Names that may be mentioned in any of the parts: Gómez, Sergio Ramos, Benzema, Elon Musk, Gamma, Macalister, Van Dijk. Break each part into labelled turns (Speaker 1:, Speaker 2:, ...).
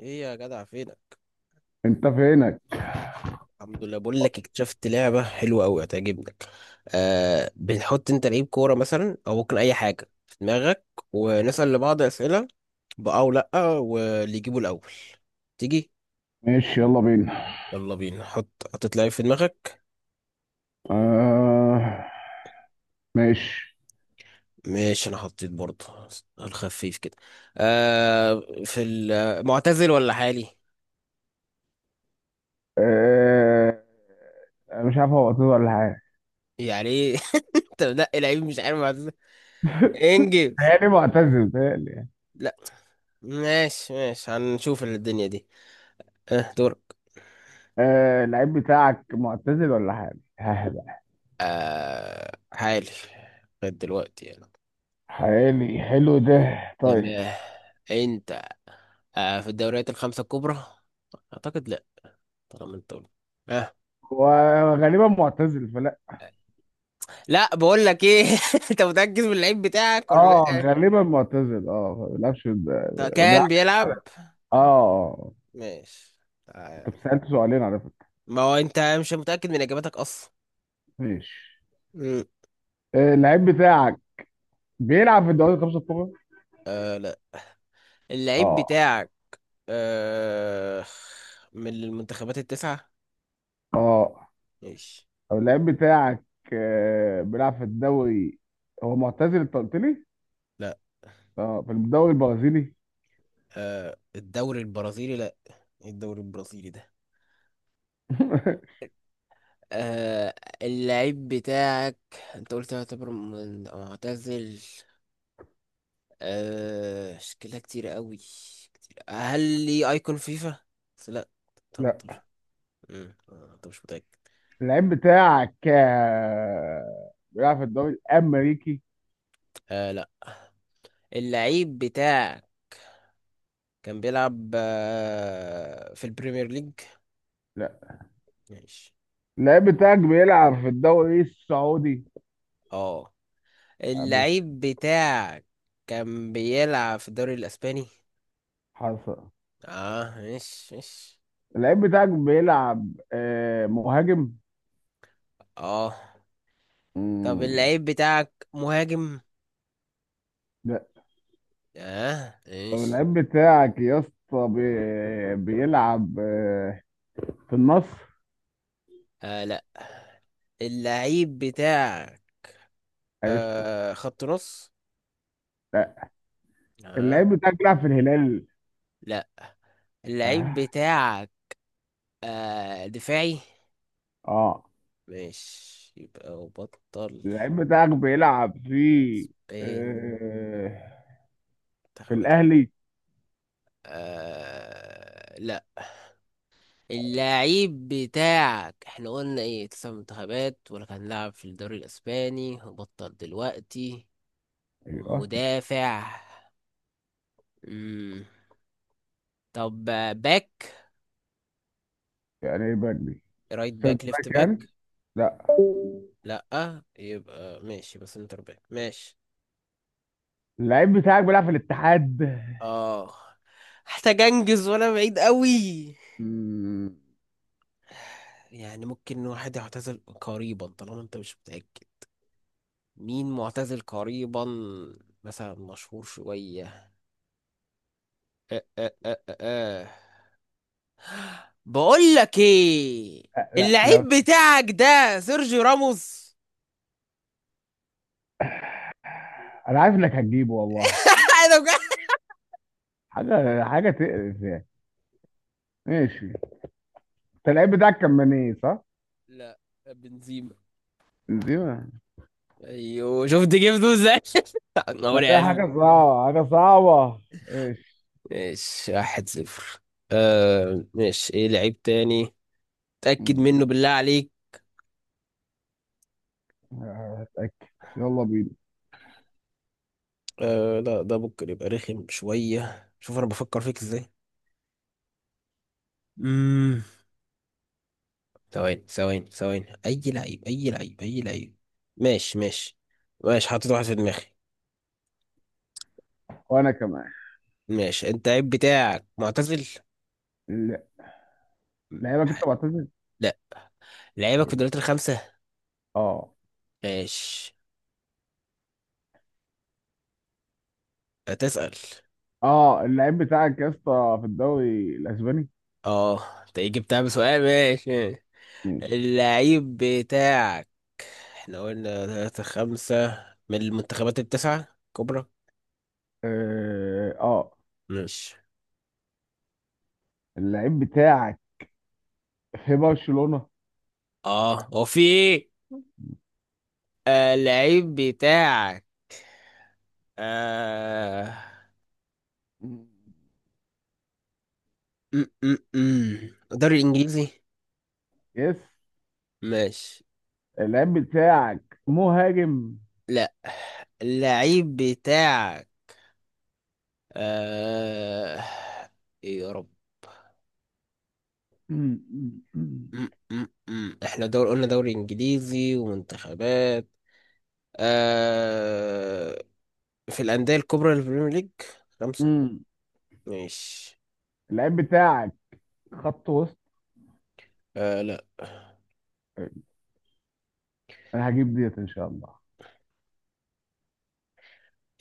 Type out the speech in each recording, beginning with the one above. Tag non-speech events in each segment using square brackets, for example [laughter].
Speaker 1: ايه يا جدع، فينك؟
Speaker 2: انت فينك؟
Speaker 1: الحمد لله. بقول لك اكتشفت لعبه حلوه قوي هتعجبك. آه، بنحط انت لعيب كوره مثلا او ممكن اي حاجه في دماغك، ونسال لبعض اسئله بأه او لا، واللي يجيبه الاول. تيجي؟
Speaker 2: ماشي، يلا بينا.
Speaker 1: يلا بينا. حطيت لعيب في دماغك؟
Speaker 2: آه. ماشي.
Speaker 1: ماشي، انا حطيت برضه. الخفيف كده. آه، في المعتزل ولا حالي؟
Speaker 2: آه، أنا مش عارف هو معتزل ولا حاجة.
Speaker 1: يعني ايه؟ [laughs] انت منقي لعيب مش عارف معتزل؟
Speaker 2: [laughs]
Speaker 1: انجز.
Speaker 2: يعني معتزل تهيألي يعني.
Speaker 1: لا. ماشي ماشي، هنشوف الدنيا دي. اه، دور.
Speaker 2: آه، اللعيب بتاعك معتزل ولا حاجة؟ [laughs]
Speaker 1: آه، عالي لغاية دلوقتي يعني.
Speaker 2: حالي حلو ده، طيب.
Speaker 1: تمام. انت؟ آه، في الدوريات الخمسة الكبرى؟ اعتقد لا، طالما انت قلت. آه.
Speaker 2: وغالبا معتزل فلا.
Speaker 1: لا، بقول لك ايه، [laughs] انت متأكد من اللعيب بتاعك ولا
Speaker 2: اه
Speaker 1: لا؟
Speaker 2: غالبا معتزل،
Speaker 1: طب
Speaker 2: ما
Speaker 1: كان
Speaker 2: بيلعبش
Speaker 1: بيلعب؟
Speaker 2: حلقة. اه، آه.
Speaker 1: ماشي. تعال.
Speaker 2: انت سألت سؤالين على فكرة.
Speaker 1: ما هو انت مش متأكد من اجاباتك اصلا.
Speaker 2: ماشي.
Speaker 1: مم.
Speaker 2: اللعيب بتاعك بيلعب في الدوري الخمسة الكبرى؟
Speaker 1: آه، لا، اللعيب
Speaker 2: اه،
Speaker 1: بتاعك آه من المنتخبات التسعة.
Speaker 2: اه.
Speaker 1: ماشي.
Speaker 2: طب اللعيب بتاعك بيلعب في الدوري، هو معتزل انت قلت لي؟
Speaker 1: لا.
Speaker 2: اه، في الدوري البرازيلي؟
Speaker 1: آه، الدوري البرازيلي؟ لا. إيه الدوري البرازيلي ده؟
Speaker 2: [laughs]
Speaker 1: آه، اللعيب بتاعك انت قلت يعتبر معتزل. آه، شكلها كتير قوي. كتير، هل ليه ايكون فيفا؟ بس لا. 18.
Speaker 2: لا،
Speaker 1: آه، انت مش متأكد.
Speaker 2: اللعيب بتاعك بيلعب في الدوري الامريكي؟
Speaker 1: آه، لا، اللعيب بتاعك كان بيلعب في البريمير ليج.
Speaker 2: لا،
Speaker 1: ماشي.
Speaker 2: اللعيب بتاعك بيلعب في الدوري السعودي.
Speaker 1: اه،
Speaker 2: ابو
Speaker 1: اللعيب بتاعك كان بيلعب في الدوري الاسباني.
Speaker 2: حصل.
Speaker 1: اه، ماشي ماشي.
Speaker 2: اللعيب بتاعك بيلعب مهاجم.
Speaker 1: اه، طب
Speaker 2: مم.
Speaker 1: اللعيب بتاعك مهاجم؟
Speaker 2: لا.
Speaker 1: اه،
Speaker 2: طب
Speaker 1: ايش؟
Speaker 2: اللعيب بتاعك يا اسطى بيلعب في النصر.
Speaker 1: آه، لا، اللعيب بتاعك
Speaker 2: عرفته.
Speaker 1: خط نص.
Speaker 2: لا،
Speaker 1: اه،
Speaker 2: اللعيب بتاعك بيلعب في الهلال.
Speaker 1: لا، اللعيب
Speaker 2: اه،
Speaker 1: بتاعك دفاعي.
Speaker 2: آه.
Speaker 1: ماشي، يبقى وبطل.
Speaker 2: اللعيب بتاعك بيلعب
Speaker 1: اسباني.
Speaker 2: آه في
Speaker 1: منتخبات
Speaker 2: الاهلي.
Speaker 1: آه، لا، اللعيب بتاعك. احنا قلنا ايه، تسع منتخبات ولا كان لاعب في الدوري الاسباني وبطل دلوقتي
Speaker 2: ايوه.
Speaker 1: ومدافع؟ مم. طب، آه، باك.
Speaker 2: يعني ايه بدري؟
Speaker 1: رايت باك،
Speaker 2: سنتر
Speaker 1: ليفت
Speaker 2: باك
Speaker 1: باك؟
Speaker 2: يعني. لا،
Speaker 1: لأ، يبقى ماشي، بس انتر باك ماشي.
Speaker 2: اللعيب بتاعك بيلعب في الاتحاد.
Speaker 1: اه. محتاج انجز، وانا بعيد قوي.
Speaker 2: مم.
Speaker 1: يعني ممكن واحد يعتزل قريبا، طالما انت مش متأكد. مين معتزل قريبا؟ مثلا مشهور شوية. أه أه أه أه أه. بقول لك ايه،
Speaker 2: لا، لا، لا،
Speaker 1: اللعيب بتاعك ده سيرجيو راموس؟
Speaker 2: انا عارف انك هتجيبه والله.
Speaker 1: [laughs] انا بجد.
Speaker 2: حاجه حاجه تقرف يعني. ماشي. انت اللعيب بتاعك كان مني، صح؟
Speaker 1: لا، بنزيما.
Speaker 2: بنزيما.
Speaker 1: ايوه، شفت جبته ازاي؟ [laughs] انا
Speaker 2: لا، ده حاجه صعبه حاجه صعبه. ماشي.
Speaker 1: ماشي واحد صفر. آه، ماشي، ايه لعيب تاني؟ تأكد
Speaker 2: مم.
Speaker 1: منه بالله عليك.
Speaker 2: هتاكد. يلا بينا.
Speaker 1: آه، لا، ده ممكن يبقى رخم شوية، شوف انا بفكر فيك ازاي. امم ثواني ثواني ثواني، اي لعيب، اي لعيب، اي لعيب. ماشي ماشي. ماشي، حاطط واحد في دماغي.
Speaker 2: وانا كمان.
Speaker 1: ماشي، انت اللعيب بتاعك معتزل؟
Speaker 2: ال- لعيبك
Speaker 1: ح-
Speaker 2: انت معتزل؟
Speaker 1: لا، لعيبك في الدوريات الخمسة.
Speaker 2: اه.
Speaker 1: ماشي. هتسأل؟
Speaker 2: اه، اللعيب بتاعك يا اسطى في الدوري الاسباني؟
Speaker 1: اه، انت إيه جبتها بسؤال؟ ماشي ماشي.
Speaker 2: ماشي.
Speaker 1: اللعيب بتاعك، احنا قلنا ثلاثة، خمسة من المنتخبات التسعة كبرى.
Speaker 2: اه، آه.
Speaker 1: ماشي.
Speaker 2: اللعيب بتاعك في برشلونه؟
Speaker 1: اه، هو في ايه؟ آه، اللعيب بتاعك آه
Speaker 2: مم.
Speaker 1: م -م -م. الدوري الانجليزي.
Speaker 2: يس.
Speaker 1: ماشي.
Speaker 2: اللعيب بتاعك مهاجم.
Speaker 1: لا، اللعيب بتاعك آه ايه يا رب.
Speaker 2: مم. مم.
Speaker 1: م -م -م. احنا دور قلنا دوري انجليزي ومنتخبات آه في الانديه الكبرى للبريمير ليج خمسه.
Speaker 2: مم.
Speaker 1: ماشي.
Speaker 2: اللعيب بتاعك خط وسط.
Speaker 1: آه، لا،
Speaker 2: أه، انا هجيب ديت ان شاء الله.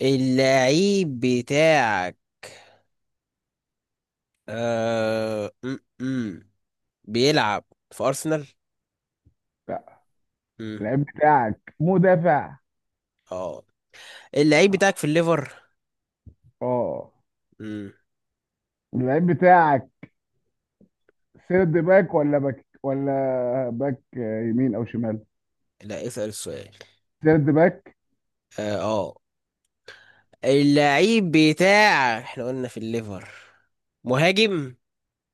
Speaker 1: اللعيب بتاعك م -م. بيلعب في أرسنال؟
Speaker 2: لا.
Speaker 1: م.
Speaker 2: اللعيب بتاعك مدافع.
Speaker 1: اه، اللعيب بتاعك
Speaker 2: اه،
Speaker 1: في الليفر؟
Speaker 2: آه.
Speaker 1: م.
Speaker 2: اللعيب بتاعك سيرد باك ولا باك ولا باك، يمين او شمال؟
Speaker 1: لا، اسأل السؤال.
Speaker 2: سيرد باك.
Speaker 1: اه، آه. اللعيب بتاعك احنا قلنا في الليفر، مهاجم؟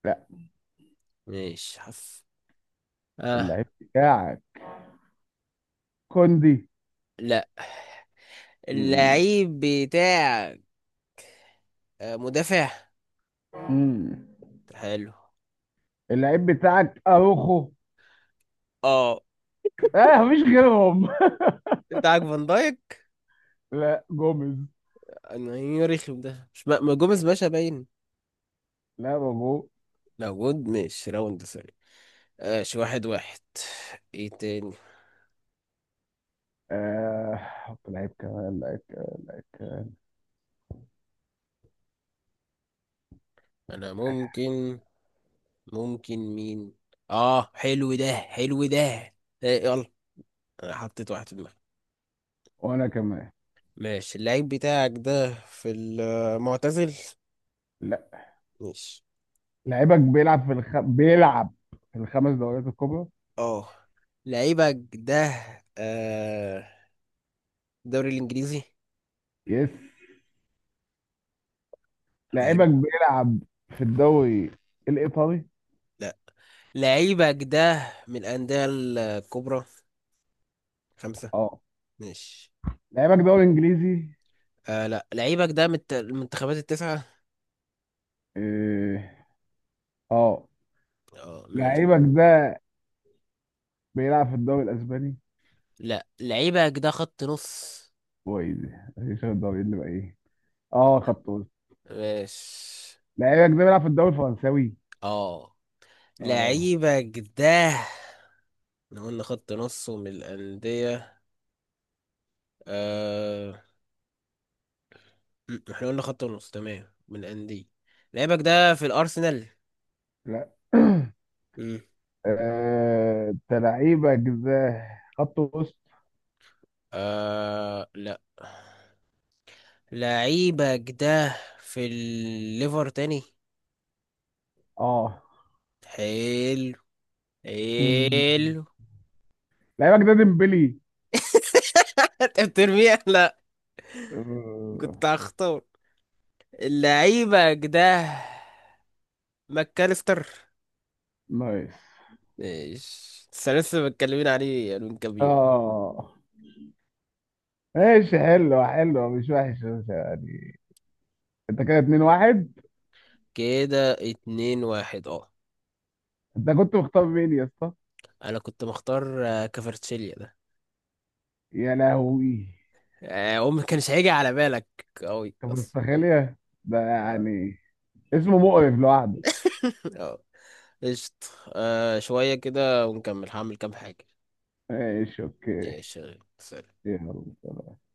Speaker 2: لا.
Speaker 1: ماشي، حف. اه،
Speaker 2: اللعيب بتاعك كوندي.
Speaker 1: لا،
Speaker 2: مم.
Speaker 1: اللعيب بتاعك مدافع؟
Speaker 2: مم.
Speaker 1: حلو.
Speaker 2: اللعيب بتاعك اروخو.
Speaker 1: اه،
Speaker 2: اه، مفيش غيرهم.
Speaker 1: بتاعك فان دايك؟
Speaker 2: [laughs] لا، جوميز.
Speaker 1: انا ايه يا رخم، ده مش ما ما جوميز باشا باين
Speaker 2: لا، موجود.
Speaker 1: موجود. ماشي راوند. ماشي، واحد واحد. ايه تاني؟
Speaker 2: آه، حط لعيب كمان لعيب كمان لعيب كمان.
Speaker 1: انا ممكن، ممكن مين؟ اه، حلو ده، حلو ده. إيه، يلا. انا حطيت واحد في دماغي.
Speaker 2: وانا كمان.
Speaker 1: ماشي، اللعيب بتاعك ده في المعتزل؟
Speaker 2: لا.
Speaker 1: ماشي.
Speaker 2: لعيبك بيلعب في بيلعب في الخمس دوريات الكبرى.
Speaker 1: اه، لعيبك ده آه الدوري الانجليزي.
Speaker 2: يس.
Speaker 1: حلو.
Speaker 2: لعيبك بيلعب في الدوري الإيطالي.
Speaker 1: لا، لعيبك ده من الانديه الكبرى خمسة؟
Speaker 2: اه.
Speaker 1: ماشي.
Speaker 2: لعيبك دوري إنجليزي.
Speaker 1: آه، لا، لعيبك ده من المنتخبات التسعة.
Speaker 2: إيه، اه.
Speaker 1: اه، ماشي.
Speaker 2: لعيبك ده بيلعب في الدوري الإسباني.
Speaker 1: لا، لعيبك ده خط نص.
Speaker 2: كويس. مفيش غير الدوري اللي بقى ايه. اه، خط وسط.
Speaker 1: ماشي.
Speaker 2: لعيبك ده بيلعب في الدوري الفرنساوي.
Speaker 1: اه،
Speaker 2: اه.
Speaker 1: لعيبك ده، احنا قلنا خط نص ومن الأندية. آه... احنا قلنا خط نص تمام من الأندية. لعيبك ده في الأرسنال؟
Speaker 2: لا. [coughs] [clears throat]
Speaker 1: م.
Speaker 2: آه، انت لعيبك ده خط وسط.
Speaker 1: لا، لعيبك ده في الليفر تاني؟
Speaker 2: اه.
Speaker 1: حلو،
Speaker 2: مم.
Speaker 1: حلو.
Speaker 2: لعيبك ده ديمبلي.
Speaker 1: [laughs] انت بترميها. لا، كنت هختار لعيبك ده ماكاليستر.
Speaker 2: نايس.
Speaker 1: ماشي، بس أنا لسه متكلمين عليه من كام يوم.
Speaker 2: اه، ماشي، حلوة حلوة، مش وحش، مش يعني. انت كده 2-1.
Speaker 1: كده اتنين واحد، اه.
Speaker 2: انت كنت مختار مين يا اسطى؟
Speaker 1: انا كنت مختار كفرتشيليا ده.
Speaker 2: يا لهوي.
Speaker 1: آه، هو ما كانش هيجي على بالك قوي
Speaker 2: طب
Speaker 1: اصلا.
Speaker 2: مستخيلية ده
Speaker 1: اه.
Speaker 2: يعني. اسمه مقرف لوحده.
Speaker 1: [laughs] آه. قشطة. آه، شوية كده ونكمل هعمل كام حاجة.
Speaker 2: ماشي، اوكي.
Speaker 1: ماشي. سلام.
Speaker 2: يلا.